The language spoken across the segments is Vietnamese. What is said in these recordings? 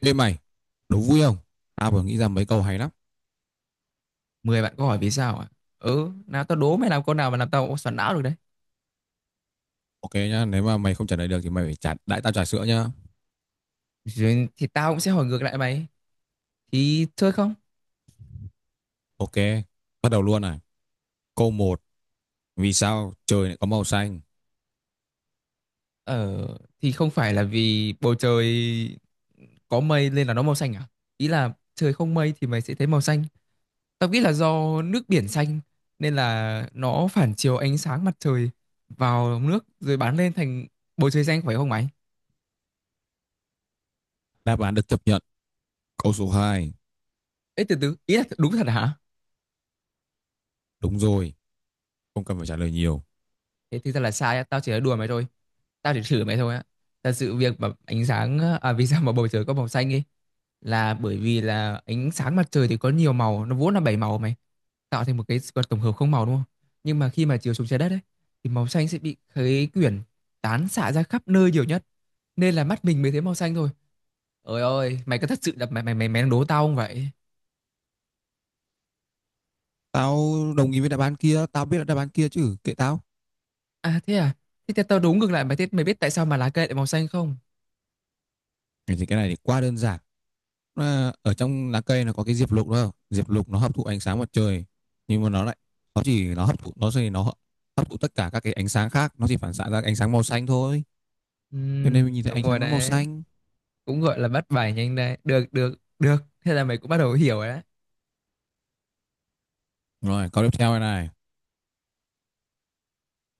Ê mày, đố vui không? Tao vừa nghĩ ra mấy câu hay lắm. 10 bạn có hỏi vì sao à? Ừ, nào tao đố mày làm câu nào mà làm tao xoắn não được đấy. Ok nhá, nếu mà mày không trả lời được thì mày phải trả đãi tao trà sữa nhá. Rồi thì tao cũng sẽ hỏi ngược lại mày. Thì chơi không? Ok, bắt đầu luôn này. Câu một, vì sao trời lại có màu xanh? Ờ, thì không phải là vì bầu trời có mây nên là nó màu xanh à? Ý là trời không mây thì mày sẽ thấy màu xanh. Tao nghĩ là do nước biển xanh nên là nó phản chiếu ánh sáng mặt trời vào nước rồi bắn lên thành bầu trời xanh phải không mày? Đáp án được chấp nhận. Câu số hai, Ê từ từ, ý là đúng thật hả? đúng rồi, không cần phải trả lời nhiều. Thế thực ra là sai á, tao chỉ là đùa mày thôi, tao chỉ thử mày thôi á. Thật sự việc mà ánh sáng à, vì sao mà bầu trời có màu xanh ấy là bởi vì là ánh sáng mặt trời thì có nhiều màu, nó vốn là bảy màu mày, tạo thành một cái vật tổng hợp không màu đúng không. Nhưng mà khi mà chiếu xuống trái đất ấy thì màu xanh sẽ bị khấy quyển tán xạ ra khắp nơi nhiều nhất nên là mắt mình mới thấy màu xanh thôi. Ơi ơi, mày có thật sự là mày mày mày mày đang đố tao không vậy? Tao đồng ý với đáp án kia, tao biết là đáp án kia chứ, kệ tao. Thế à? Thế tao tao đố ngược lại mày, thế mày biết tại sao mà lá cây lại màu xanh không? Thế thì cái này thì quá đơn giản. À, ở trong lá cây nó có cái diệp lục đó. Diệp lục nó hấp thụ ánh sáng mặt trời, nhưng mà nó lại nó chỉ nó hấp thụ, nó thì nó hấp thụ tất cả các cái ánh sáng khác, nó chỉ phản xạ ra ánh sáng màu xanh thôi. Ừ, Cho nên mình nhìn thấy đúng ánh rồi sáng nó màu đấy, xanh. cũng gọi là bắt bài nhanh đây, được được được, thế là mày cũng bắt đầu hiểu rồi đấy. Rồi, câu tiếp theo này này.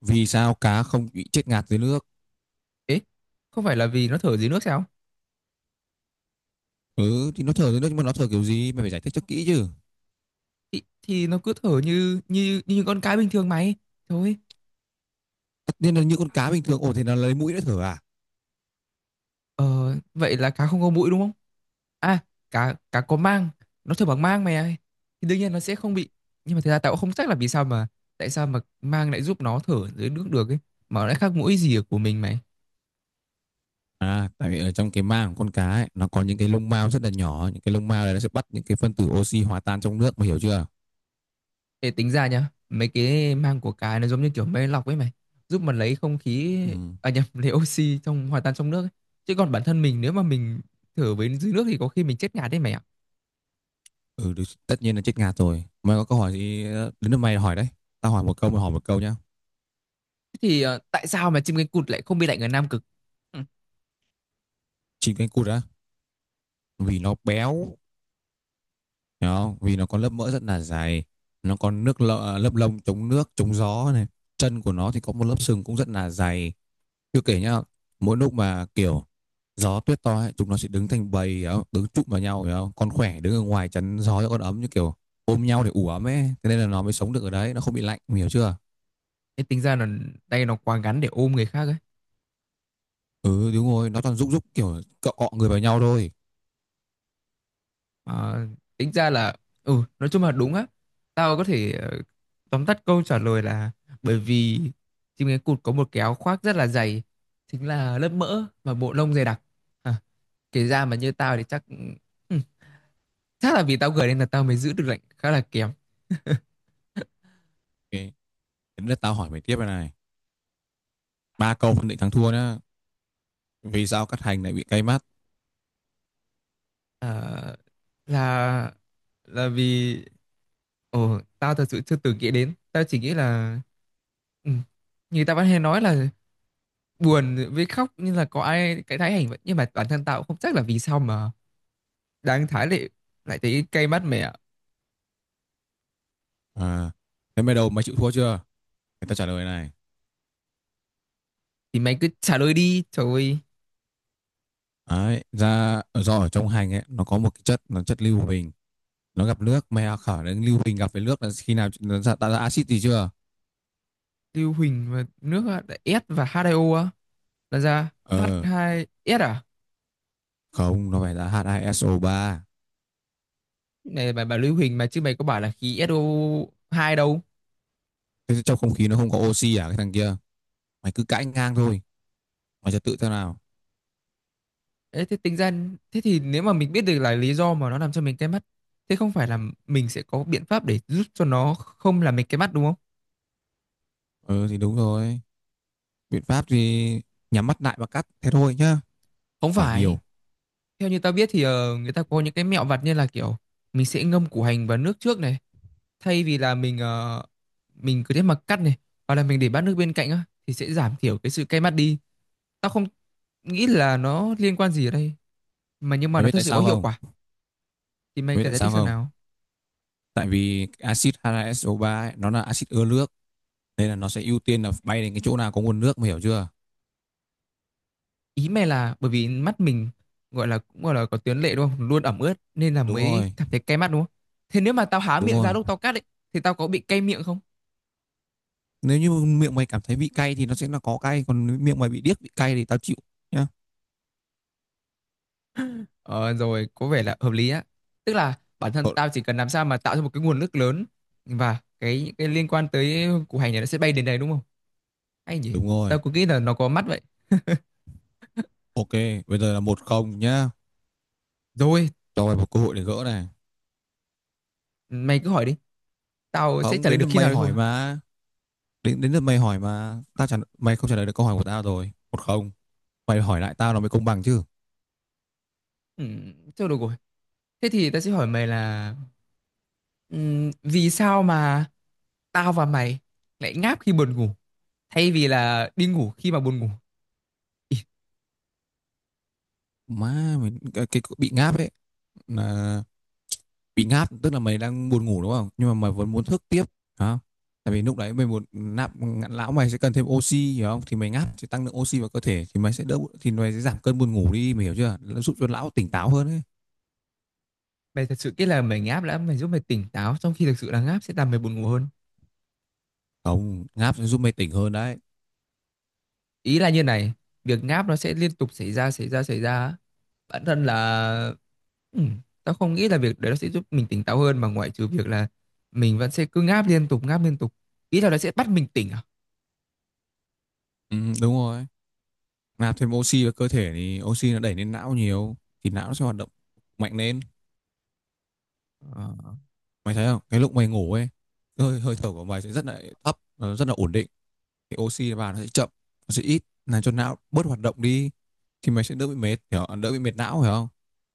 Vì sao cá không bị chết ngạt dưới nước? Ấy, không phải là vì nó thở dưới nước sao? Ừ, thì nó thở dưới nước nhưng mà nó thở kiểu gì? Mày phải giải thích cho kỹ chứ. Thì nó cứ thở như như như con cá bình thường mày thôi. Tất nhiên là như con cá bình thường, ồ thì nó lấy mũi nó thở à? Ờ Vậy là cá không có mũi đúng không? à cá cá có mang, nó thở bằng mang mày ơi, thì đương nhiên nó sẽ không bị. Nhưng mà thật ra tao cũng không chắc là vì sao mà tại sao mà mang lại giúp nó thở dưới nước được ấy, mà nó lại khác mũi gì ở của mình mày. À, tại vì ở trong cái mang của con cá ấy, nó có những cái lông mao rất là nhỏ, những cái lông mao này nó sẽ bắt những cái phân tử oxy hòa tan trong nước, mày hiểu chưa? Để tính ra nhá, mấy cái mang của cái nó giống như kiểu máy lọc ấy mày, giúp mà lấy không khí, Ừ. à nhầm, lấy oxy trong hòa tan trong nước ấy. Chứ còn bản thân mình nếu mà mình thở với dưới nước thì có khi mình chết ngạt đấy mày ạ. Ừ, được, tất nhiên là chết ngạt rồi. Mày có câu hỏi gì đến lượt mày hỏi đấy. Tao hỏi một câu, mày hỏi một câu nhá. Thế thì tại sao mà chim cánh cụt lại không bị lạnh ở Nam Cực? Ừ. Chim cánh cụt á, vì nó béo, hiểu không? Vì nó có lớp mỡ rất là dày, nó có nước lợ, lớp lông chống nước, chống gió này. Chân của nó thì có một lớp sừng cũng rất là dày. Chưa kể nhá, mỗi lúc mà kiểu gió tuyết to ấy, chúng nó sẽ đứng thành bầy, hiểu không? Đứng chụm vào nhau, hiểu không? Con khỏe đứng ở ngoài chắn gió cho con ấm, như kiểu ôm nhau để ủ ấm ấy. Thế nên là nó mới sống được ở đấy, nó không bị lạnh, hiểu chưa? Thế tính ra là tay nó quá ngắn để ôm người khác ấy. Ừ, đúng rồi, nó toàn rúc rúc kiểu cọ cọ người vào nhau thôi. Mà tính ra là ừ, nói chung là đúng á. Tao có thể tóm tắt câu trả lời là bởi vì chim cánh cụt có một cái áo khoác rất là dày, chính là lớp mỡ và bộ lông dày đặc. À, kể ra mà như tao thì chắc ừ, chắc là vì tao gửi nên là tao mới giữ được lệnh khá là kém. Ok, đến lượt tao hỏi mày tiếp này này. Ba câu phân định thắng thua nhá. Vì sao cắt hành lại bị cay mắt? Ờ, là là vì tao thật sự chưa từng nghĩ đến, tao chỉ nghĩ là ừ, như tao vẫn hay nói là buồn với khóc nhưng là có ai cái thái hành vậy, nhưng mà bản thân tao cũng không chắc là vì sao mà đang thái lại lại thấy cay mắt mày ạ. À, thế mày đầu mày chịu thua chưa? Người ta trả lời này, Thì mày cứ trả lời đi trời ơi. đấy ra do ở trong hành ấy nó có một cái chất, nó chất lưu huỳnh, nó gặp nước mày à, khở đến lưu huỳnh gặp với nước là khi nào nó ra, tạo ra axit gì chưa? Lưu Huỳnh và nước á, là S và H2O á, là ra Ờ, H2S à? không, nó phải là H2SO3. Này bà Lưu Huỳnh mà chứ, mày có bảo là khí SO2 đâu. Thế trong không khí nó không có oxy à cái thằng kia, mày cứ cãi ngang thôi, mày trật tự thế nào. Đấy, thế tính ra thế thì nếu mà mình biết được là lý do mà nó làm cho mình cay mắt, thế không phải là mình sẽ có biện pháp để giúp cho nó không làm mình cay mắt đúng không? Ừ thì đúng rồi, biện pháp thì nhắm mắt lại và cắt thế thôi nhá. Không Hỏi phải, nhiều. theo như tao biết thì người ta có những cái mẹo vặt như là kiểu mình sẽ ngâm củ hành vào nước trước này, thay vì là mình mình cứ thế mà cắt này, hoặc là mình để bát nước bên cạnh á thì sẽ giảm thiểu cái sự cay mắt đi. Tao không nghĩ là nó liên quan gì ở đây mà, nhưng mà Mày nó biết thực tại sự có sao hiệu không? quả. Thì mày Mày biết cần tại giải thích sao xem không? nào. Tại vì axit H2SO3 ấy, nó là axit ưa nước, nên là nó sẽ ưu tiên là bay đến cái chỗ nào có nguồn nước, mày hiểu chưa? Ý mày là bởi vì mắt mình gọi là cũng gọi là có tuyến lệ đúng không, luôn ẩm ướt nên là Đúng mới rồi, cảm thấy cay mắt đúng không? Thế nếu mà tao há đúng miệng ra rồi. lúc tao cắt ấy thì tao có bị cay miệng không? Nếu như miệng mày cảm thấy vị cay thì nó sẽ là có cay, còn nếu miệng mày bị điếc bị cay thì tao chịu nhá. Ờ Rồi có vẻ là hợp lý á, tức là bản thân Thôi, tao chỉ cần làm sao mà tạo ra một cái nguồn nước lớn và cái liên quan tới củ hành này nó sẽ bay đến đây đúng không? Hay nhỉ. đúng rồi. Tao cứ nghĩ là nó có mắt vậy. Ok, bây giờ là một không nhá. Rồi Cho mày một cơ hội để gỡ này. mày cứ hỏi đi, tao sẽ Không, trả lời đến được lượt khi nào mày đấy thôi. hỏi mà. Đến đến lượt mày hỏi mà, tao mày không trả lời được câu hỏi của tao rồi. Một không. Mày hỏi lại tao nó mới công bằng chứ. Ừ, thôi được rồi, thế thì tao sẽ hỏi mày là vì sao mà tao và mày lại ngáp khi buồn ngủ thay vì là đi ngủ khi mà buồn ngủ? Ý, Má mày cái, bị ngáp ấy là bị ngáp, tức là mày đang buồn ngủ đúng không, nhưng mà mày vẫn muốn thức tiếp hả? Tại vì lúc đấy mày muốn nạp, lão mày sẽ cần thêm oxy, hiểu không? Thì mày ngáp sẽ tăng lượng oxy vào cơ thể, thì mày sẽ đỡ, thì mày sẽ giảm cơn buồn ngủ đi, mày hiểu chưa? Nó giúp cho lão tỉnh táo hơn ấy. mày thật sự nghĩ là mày ngáp đã mày giúp mày tỉnh táo, trong khi thực sự là ngáp sẽ làm mày buồn ngủ hơn? Không, ngáp sẽ giúp mày tỉnh hơn đấy. Ý là như này, việc ngáp nó sẽ liên tục xảy ra xảy ra xảy ra á. Bản thân là tao không nghĩ là việc đấy nó sẽ giúp mình tỉnh táo hơn mà, ngoại trừ việc là mình vẫn sẽ cứ ngáp liên tục ngáp liên tục, ý là nó sẽ bắt mình tỉnh à? Ừ, đúng rồi, nạp thêm oxy vào cơ thể thì oxy nó đẩy lên não nhiều, thì não nó sẽ hoạt động mạnh lên. Ờ, Mày thấy không, cái lúc mày ngủ ấy, hơi hơi thở của mày sẽ rất là thấp, nó rất là ổn định, thì oxy vào nó sẽ chậm, nó sẽ ít làm cho não bớt hoạt động đi, thì mày sẽ đỡ bị mệt, hiểu không? Đỡ bị mệt não, hiểu không?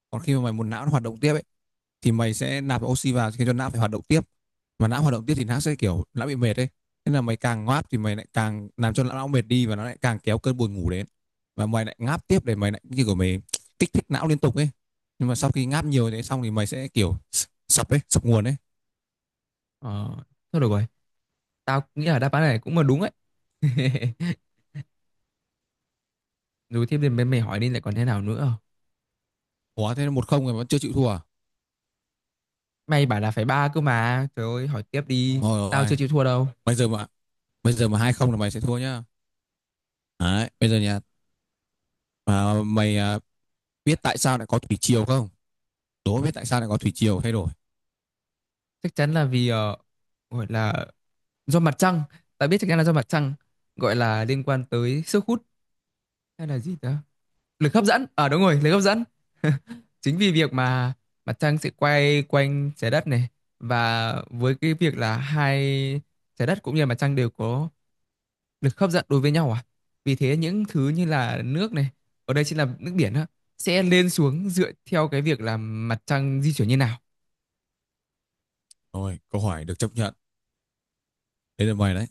Còn khi mà mày muốn não nó hoạt động tiếp ấy, thì mày sẽ nạp oxy vào khiến cho não phải hoạt động tiếp, mà não hoạt động tiếp thì não sẽ kiểu não bị mệt đấy, thế là mày càng ngáp thì mày lại càng làm cho não mệt đi, và nó lại càng kéo cơn buồn ngủ đến, và mày lại ngáp tiếp để mày lại như của mày kích thích não liên tục ấy, nhưng mà sau khi ngáp nhiều thế xong thì mày sẽ kiểu sập ấy, sập nguồn ấy. ờ. Thôi được rồi, tao nghĩ là đáp án này cũng là đúng ấy. Rồi tiếp đến mày, mày hỏi đi lại còn thế nào nữa. Ủa thế là một không rồi vẫn chưa chịu thua à? Mày bảo là phải ba cơ mà. Trời ơi, hỏi tiếp đi. Rồi Tao chưa rồi, chịu thua đâu. bây giờ mà bây giờ mà hai không là mày sẽ thua nhá. Đấy, bây giờ nhà, à, mày à, biết tại sao lại có thủy triều không? Đố biết tại sao lại có thủy triều thay đổi. Chắc chắn là vì gọi là do mặt trăng. Tao biết chắc chắn là do mặt trăng. Gọi là liên quan tới sức hút hay là gì đó. Lực hấp dẫn. Đúng rồi, lực hấp dẫn. Chính vì việc mà mặt trăng sẽ quay quanh trái đất này, và với cái việc là hai, trái đất cũng như là mặt trăng đều có lực hấp dẫn đối với nhau à, vì thế những thứ như là nước này, ở đây chính là nước biển á, sẽ lên xuống dựa theo cái việc là mặt trăng di chuyển như nào. Rồi, câu hỏi được chấp nhận. Thế là mày đấy.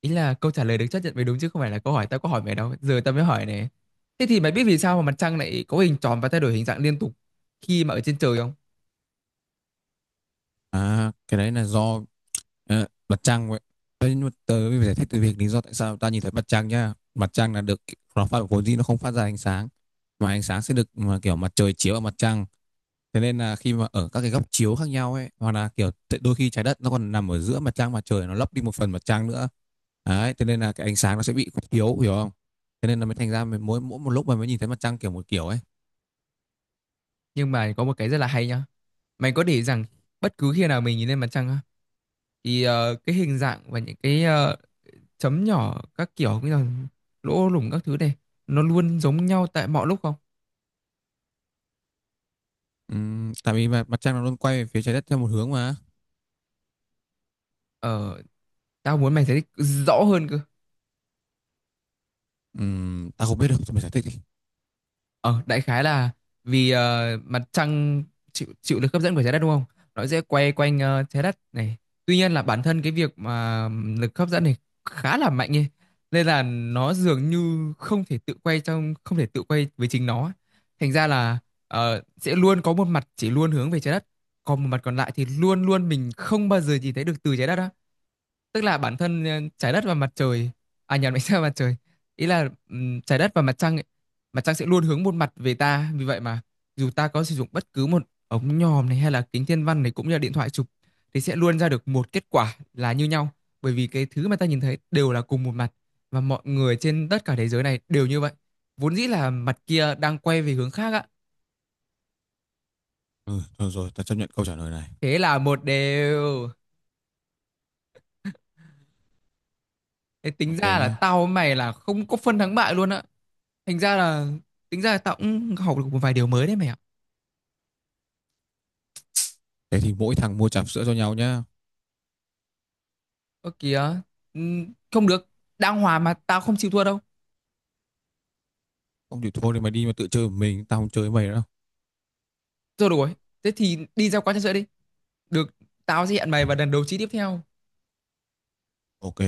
Ý là câu trả lời được chấp nhận mới đúng, chứ không phải là câu hỏi, tao có hỏi mày đâu, giờ tao mới hỏi này. Thế thì mày biết vì sao mà mặt trăng lại có hình tròn và thay đổi hình dạng liên tục khi mà ở trên trời không? À, cái đấy là do, à, mặt trăng vậy. Thế nhưng mà tớ phải giải thích từ việc lý do tại sao ta nhìn thấy mặt trăng nhá. Mặt trăng là được, nó phát vốn dĩ nó không phát ra ánh sáng, mà ánh sáng sẽ được mà kiểu mặt trời chiếu vào mặt trăng. Thế nên là khi mà ở các cái góc chiếu khác nhau ấy, hoặc là kiểu đôi khi trái đất nó còn nằm ở giữa mặt trăng mặt trời, nó lấp đi một phần mặt trăng nữa. Đấy, thế nên là cái ánh sáng nó sẽ bị yếu, hiểu không? Thế nên là mới thành ra mình mỗi mỗi một lúc mà mới nhìn thấy mặt trăng kiểu một kiểu ấy. Nhưng mà có một cái rất là hay nhá, mày có để ý rằng bất cứ khi nào mình nhìn lên mặt trăng á thì cái hình dạng và những cái chấm nhỏ các kiểu cũng như là lỗ lủng các thứ này nó luôn giống nhau tại mọi lúc không? Tại vì mà mặt trăng nó luôn quay về phía trái đất theo một hướng mà. Ờ. Tao muốn mày giải thích rõ hơn cơ. Ta không biết đâu, thôi mày giải thích đi. Ờ, đại khái là vì mặt trăng chịu chịu lực hấp dẫn của trái đất đúng không? Nó sẽ quay quanh trái đất này. Tuy nhiên là bản thân cái việc mà lực hấp dẫn này khá là mạnh ấy, nên là nó dường như không thể tự quay trong không thể tự quay với chính nó ấy. Thành ra là sẽ luôn có một mặt chỉ luôn hướng về trái đất, còn một mặt còn lại thì luôn luôn mình không bao giờ nhìn thấy được từ trái đất á. Tức là bản thân trái đất và mặt trời, à nhầm, ánh sao và mặt trời, ý là trái đất và mặt trăng ấy, mặt trăng sẽ luôn hướng một mặt về ta. Vì vậy mà dù ta có sử dụng bất cứ một ống nhòm này hay là kính thiên văn này cũng như là điện thoại chụp thì sẽ luôn ra được một kết quả là như nhau, bởi vì cái thứ mà ta nhìn thấy đều là cùng một mặt, và mọi người trên tất cả thế giới này đều như vậy, vốn dĩ là mặt kia đang quay về hướng khác á. Ừ, thôi rồi, ta chấp nhận câu trả lời này. Thế là một đều, thế tính Ok ra là nhá. tao với mày là không có phân thắng bại luôn á. Thành ra là tính ra là tao cũng học được một vài điều mới đấy mày ạ. Thế thì mỗi thằng mua trà sữa cho nhau nhá. Ơ kìa, không được, đang hòa mà tao không chịu thua đâu. Không thì thôi thì mày đi mà tự chơi một mình, tao không chơi với mày nữa đâu. Rồi được rồi, thế thì đi ra quán trà sữa đi. Được, tao sẽ hẹn mày vào lần đấu trí tiếp theo. Ok.